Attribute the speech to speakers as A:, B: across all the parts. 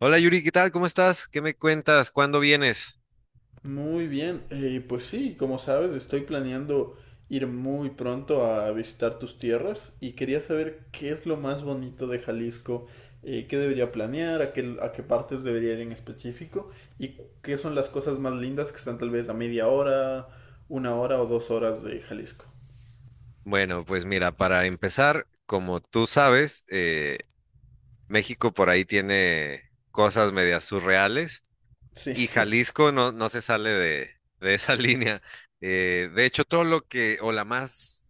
A: Hola Yuri, ¿qué tal? ¿Cómo estás? ¿Qué me cuentas? ¿Cuándo vienes?
B: Muy bien, pues sí, como sabes, estoy planeando ir muy pronto a visitar tus tierras y quería saber qué es lo más bonito de Jalisco, qué debería planear, a qué partes debería ir en específico y qué son las cosas más lindas que están tal vez a media hora, 1 hora o 2 horas de Jalisco.
A: Bueno, pues mira, para empezar, como tú sabes, México por ahí tiene cosas medias surreales
B: Sí,
A: y Jalisco no se sale de esa línea. De hecho, todo lo que, o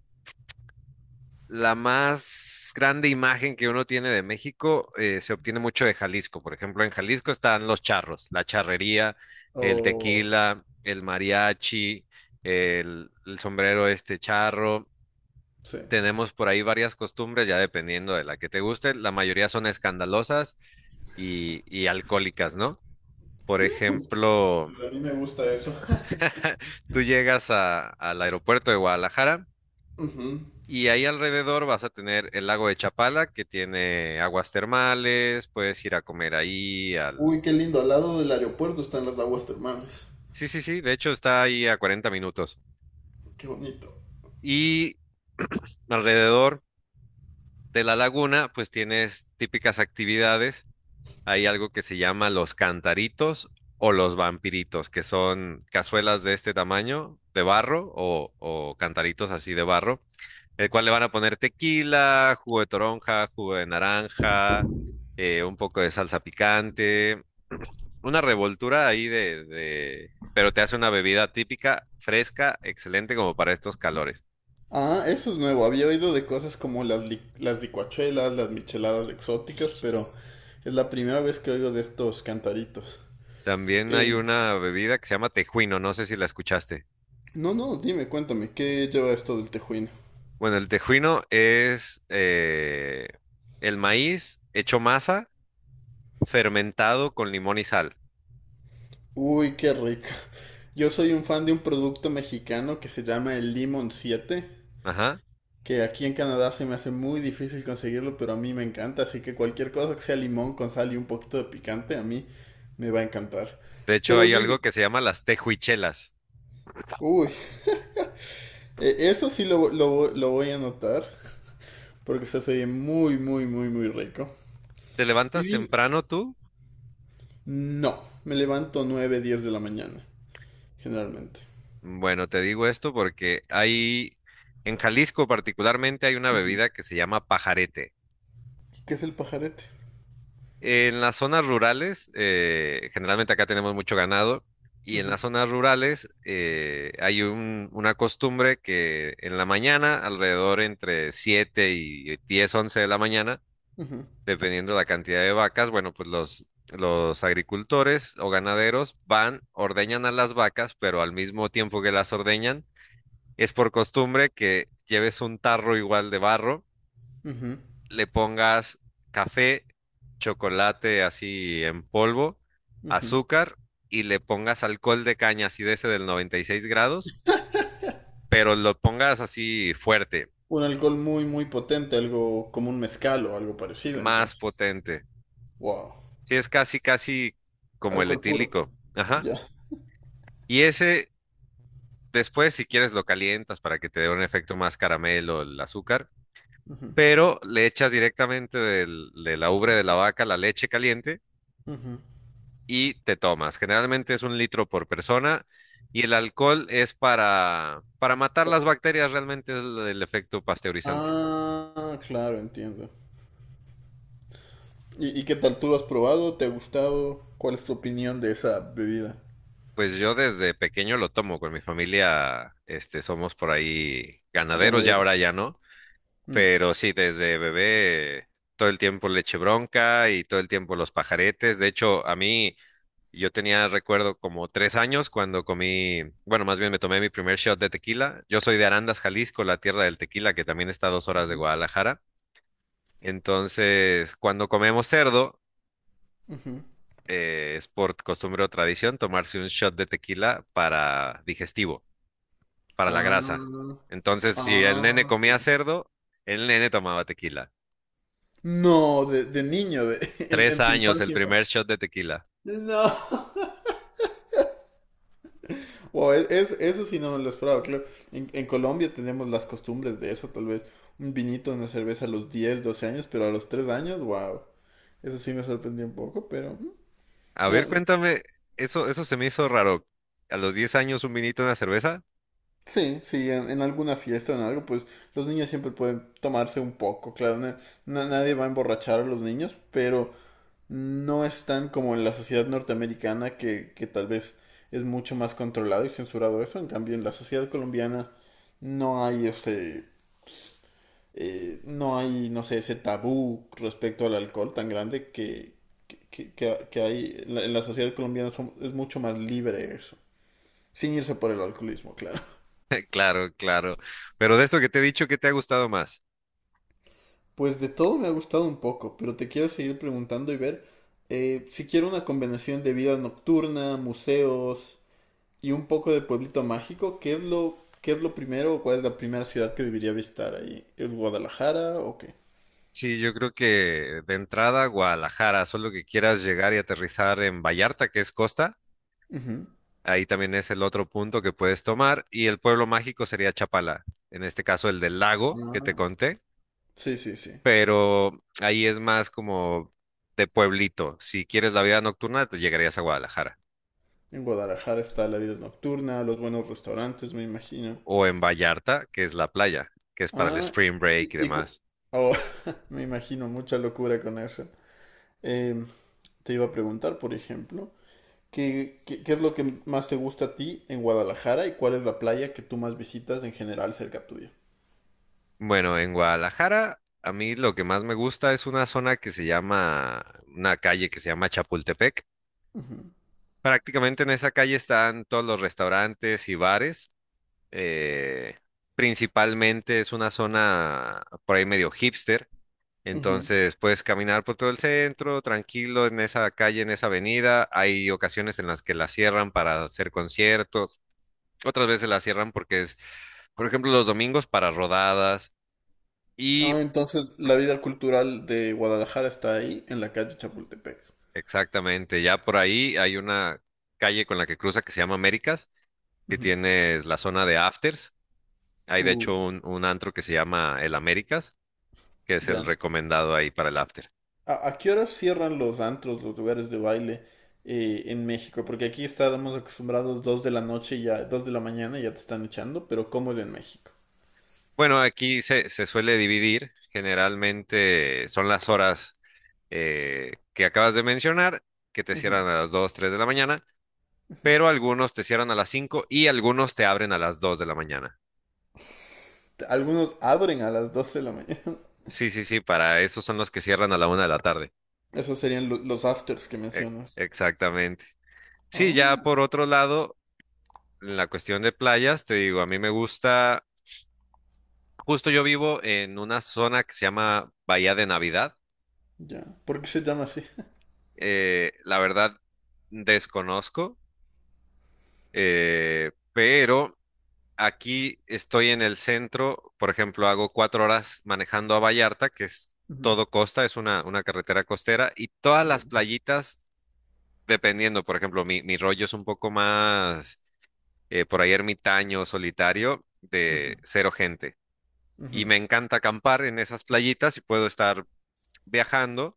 A: la más grande imagen que uno tiene de México se obtiene mucho de Jalisco. Por ejemplo, en Jalisco están los charros, la charrería, el
B: o...
A: tequila, el mariachi, el sombrero este charro.
B: sí.
A: Tenemos por ahí varias costumbres, ya dependiendo de la que te guste. La mayoría son escandalosas y alcohólicas, ¿no? Por ejemplo,
B: A mí me gusta eso.
A: tú llegas al aeropuerto de Guadalajara
B: Ujú.
A: y ahí alrededor vas a tener el lago de Chapala, que tiene aguas termales, puedes ir a comer ahí al...
B: Uy, qué lindo, al lado del aeropuerto están las aguas termales.
A: Sí, sí, sí, de hecho está ahí a 40 minutos.
B: Qué bonito.
A: Y alrededor de la laguna, pues tienes típicas actividades. Hay algo que se llama los cantaritos o los vampiritos, que son cazuelas de este tamaño, de barro o cantaritos así de barro, el cual le van a poner tequila, jugo de toronja, jugo de naranja, un poco de salsa picante, una revoltura ahí pero te hace una bebida típica, fresca, excelente como para estos calores.
B: Ah, eso es nuevo. Había oído de cosas como las licuachelas, las micheladas exóticas, pero es la primera vez que oigo de estos cantaritos.
A: También
B: Eh,
A: hay una bebida que se llama tejuino, no sé si la escuchaste.
B: no, no, dime, cuéntame, ¿qué lleva esto del tejuino?
A: Bueno, el tejuino es el maíz hecho masa, fermentado con limón y sal.
B: Uy, qué rico. Yo soy un fan de un producto mexicano que se llama el Limón siete,
A: Ajá.
B: que aquí en Canadá se me hace muy difícil conseguirlo, pero a mí me encanta, así que cualquier cosa que sea limón con sal y un poquito de picante, a mí me va a encantar.
A: De hecho,
B: Pero
A: hay
B: dime,
A: algo que se llama las tejuichelas.
B: uy, eso sí lo voy a anotar, porque se hace muy, muy, muy, muy rico.
A: ¿Te
B: Y
A: levantas
B: dime-
A: temprano tú?
B: no, me levanto 9 10 de la mañana, generalmente.
A: Bueno, te digo esto porque hay, en Jalisco particularmente, hay una
B: Ujú.
A: bebida que se llama pajarete.
B: ¿Qué es el pajarete?
A: En las zonas rurales, generalmente acá tenemos mucho ganado, y en
B: Ujú,
A: las zonas rurales una costumbre que en la mañana, alrededor entre 7 y 10, 11 de la mañana,
B: ujú,
A: dependiendo la cantidad de vacas, bueno, pues los agricultores o ganaderos van, ordeñan a las vacas, pero al mismo tiempo que las ordeñan, es por costumbre que lleves un tarro igual de barro,
B: ujú,
A: le pongas café, chocolate así en polvo,
B: ujú.
A: azúcar y le pongas alcohol de caña así de ese del 96 grados, pero lo pongas así fuerte,
B: Un alcohol muy, muy potente, algo como un mezcal o algo parecido,
A: más
B: entonces.
A: potente.
B: Wow,
A: Sí, es casi, casi como el
B: alcohol puro,
A: etílico. Ajá.
B: ya.
A: Y ese, después, si quieres, lo calientas para que te dé un efecto más caramelo el azúcar,
B: Ujú,
A: pero le echas directamente de la ubre de la vaca la leche caliente
B: ujú.
A: y te tomas. Generalmente es 1 litro por persona y el alcohol es para matar las bacterias, realmente es el efecto pasteurizante.
B: Ah, claro, entiendo. ¿Y qué tal tú lo has probado? ¿Te ha gustado? ¿Cuál es tu opinión de esa bebida
A: Pues yo desde pequeño lo tomo con mi familia, este, somos por ahí ganaderos, ya
B: ganadera?
A: ahora ya no,
B: Mm.
A: pero sí, desde bebé todo el tiempo leche bronca y todo el tiempo los pajaretes. De hecho, a mí Y Yo tenía, recuerdo, como 3 años cuando comí, bueno, más bien me tomé mi primer shot de tequila. Yo soy de Arandas, Jalisco, la tierra del tequila, que también está a 2 horas de
B: Ujú,
A: Guadalajara. Entonces, cuando comemos cerdo,
B: ujú.
A: es por costumbre o tradición tomarse un shot de tequila para digestivo, para la grasa.
B: Ah,
A: Entonces, si el nene
B: ah.
A: comía cerdo, el nene tomaba tequila.
B: No, de niño, en,
A: Tres
B: en tu
A: años, el
B: infancia.
A: primer shot de tequila.
B: No. Wow, eso sí no me lo esperaba, claro. En Colombia tenemos las costumbres de eso, tal vez. Un vinito, una cerveza a los 10, 12 años, pero a los 3 años, wow. Eso sí me sorprendió un poco, pero,
A: A
B: no,
A: ver, cuéntame, eso se me hizo raro. A los 10 años, un vinito, una cerveza.
B: sí, sí, en alguna fiesta o en algo, pues los niños siempre pueden tomarse un poco, claro. Nadie va a emborrachar a los niños, pero no están como en la sociedad norteamericana que tal vez es mucho más controlado y censurado eso. En cambio, en la sociedad colombiana no hay este, no hay, no sé, ese tabú respecto al alcohol tan grande que hay en la sociedad colombiana es mucho más libre eso. Sin irse por el alcoholismo, claro.
A: Claro, claro. Pero de eso que te he dicho, ¿qué te ha gustado más?
B: Pues de todo me ha gustado un poco, pero te quiero seguir preguntando y ver si quiero una combinación de vida nocturna, museos, y un poco de pueblito mágico. ¿Qué es lo primero o cuál es la primera ciudad que debería visitar ahí? ¿Es Guadalajara o qué?
A: Sí, yo creo que de entrada Guadalajara, solo que quieras llegar y aterrizar en Vallarta, que es costa,
B: Ujú.
A: ahí también es el otro punto que puedes tomar, y el pueblo mágico sería Chapala, en este caso el del lago que te
B: Ah,
A: conté,
B: sí, sí, sí.
A: pero ahí es más como de pueblito. Si quieres la vida nocturna, te llegarías a Guadalajara,
B: En Guadalajara está la vida nocturna, los buenos restaurantes, me imagino.
A: o en Vallarta, que es la playa, que es para el
B: Ah,
A: spring break
B: y,
A: y
B: y cu-
A: demás.
B: oh, me imagino mucha locura con eso. Em, Te iba a preguntar, por ejemplo, ¿qué es lo que más te gusta a ti en Guadalajara y cuál es la playa que tú más visitas en general cerca tuya?
A: Bueno, en Guadalajara, a mí lo que más me gusta es una zona que se llama, una calle que se llama Chapultepec.
B: Ujú,
A: Prácticamente en esa calle están todos los restaurantes y bares. eh, Principalmente es una zona por ahí medio hipster.
B: ujú.
A: Entonces puedes caminar por todo el centro, tranquilo, en esa calle, en esa avenida. Hay ocasiones en las que la cierran para hacer conciertos, otras veces la cierran porque por ejemplo, los domingos para rodadas. Y
B: Ah, entonces la vida cultural de Guadalajara está ahí, en la calle Chapultepec.
A: exactamente, ya por ahí hay una calle con la que cruza que se llama Américas, que
B: Ujú.
A: tienes la zona de afters. Hay de
B: Uh,
A: hecho un antro que se llama el Américas, que es el
B: ya.
A: recomendado ahí para el after.
B: ¿A qué hora cierran los antros, los lugares de baile, en México? Porque aquí estábamos acostumbrados 2 de la noche y ya, 2 de la mañana y ya te están echando, pero ¿cómo es en México?
A: Bueno, aquí se suele dividir, generalmente son las horas que acabas de mencionar, que te
B: Ujú.
A: cierran a las 2 o 3 de la mañana, pero algunos te cierran a las 5 y algunos te abren a las 2 de la mañana.
B: Algunos abren a las 2 de la mañana.
A: Sí, sí, sí, para esos son los que cierran a la 1 de la tarde.
B: Esos serían los afters que
A: E-
B: mencionas.
A: Exactamente. Sí, ya
B: Oh,
A: por otro lado, en la cuestión de playas, te digo, a mí me gusta, justo yo vivo en una zona que se llama Bahía de Navidad.
B: ya. ¿Por qué se llama así?
A: La verdad, desconozco, pero aquí estoy en el centro, por ejemplo, hago 4 horas manejando a Vallarta, que es
B: Ujú.
A: todo costa, es una carretera costera, y todas
B: Ya.
A: las playitas, dependiendo, por ejemplo, mi rollo es un poco más, por ahí ermitaño, solitario,
B: Ujú,
A: de cero gente.
B: ujú.
A: Y me encanta acampar en esas playitas y puedo estar viajando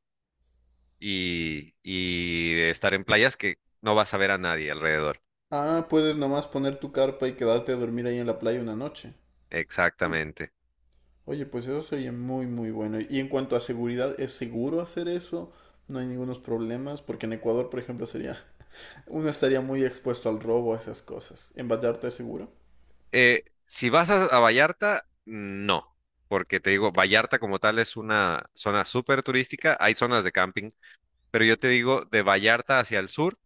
A: y estar en playas que no vas a ver a nadie alrededor.
B: Ah, puedes nomás poner tu carpa y quedarte a dormir ahí en la playa una noche.
A: Exactamente.
B: Oye, pues eso sería muy, muy bueno. Y en cuanto a seguridad, ¿es seguro hacer eso? No hay ningunos problemas, porque en Ecuador, por ejemplo, sería, uno estaría muy expuesto al robo, a esas cosas. ¿En Vallarta es seguro?
A: Si vas a Vallarta, no, porque te digo, Vallarta como tal es una zona súper turística, hay zonas de camping, pero yo te digo, de Vallarta hacia el sur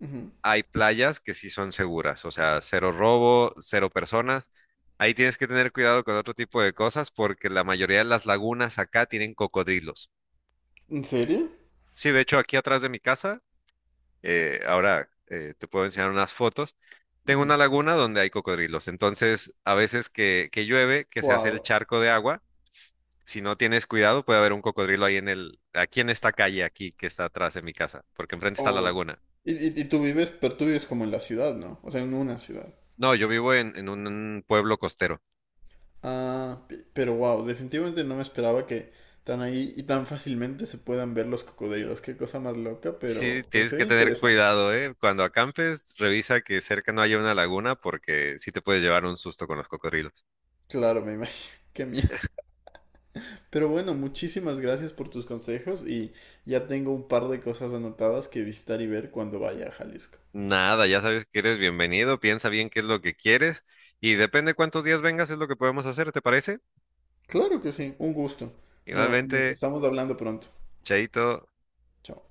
B: Ujú.
A: hay playas que sí son seguras, o sea, cero robo, cero personas. Ahí tienes que tener cuidado con otro tipo de cosas porque la mayoría de las lagunas acá tienen cocodrilos.
B: ¿En serio?
A: Sí, de hecho, aquí atrás de mi casa, ahora te puedo enseñar unas fotos. Tengo
B: Ujú.
A: una laguna donde hay cocodrilos. Entonces, a veces que llueve, que se hace el
B: Wow.
A: charco de agua, si no tienes cuidado, puede haber un cocodrilo ahí en el, aquí en esta calle, aquí que está atrás de mi casa, porque enfrente está la
B: Oh.
A: laguna.
B: Y tú vives, pero tú vives como en la ciudad, ¿no? O sea, en una ciudad.
A: No, yo vivo en un pueblo costero.
B: Ah, pero wow, definitivamente no me esperaba que tan ahí y tan fácilmente se puedan ver los cocodrilos. Qué cosa más loca,
A: Sí,
B: pero
A: tienes
B: se
A: que
B: ve
A: tener
B: interesante.
A: cuidado, ¿eh? Cuando acampes, revisa que cerca no haya una laguna, porque sí te puedes llevar un susto con los cocodrilos.
B: Claro, me imagino. Qué miedo. Pero bueno, muchísimas gracias por tus consejos y ya tengo un par de cosas anotadas que visitar y ver cuando vaya a Jalisco.
A: Nada, ya sabes que eres bienvenido, piensa bien qué es lo que quieres y depende cuántos días vengas es lo que podemos hacer, ¿te parece?
B: Claro que sí, un gusto. No, no,
A: Igualmente,
B: estamos hablando pronto.
A: chaito.
B: Chao.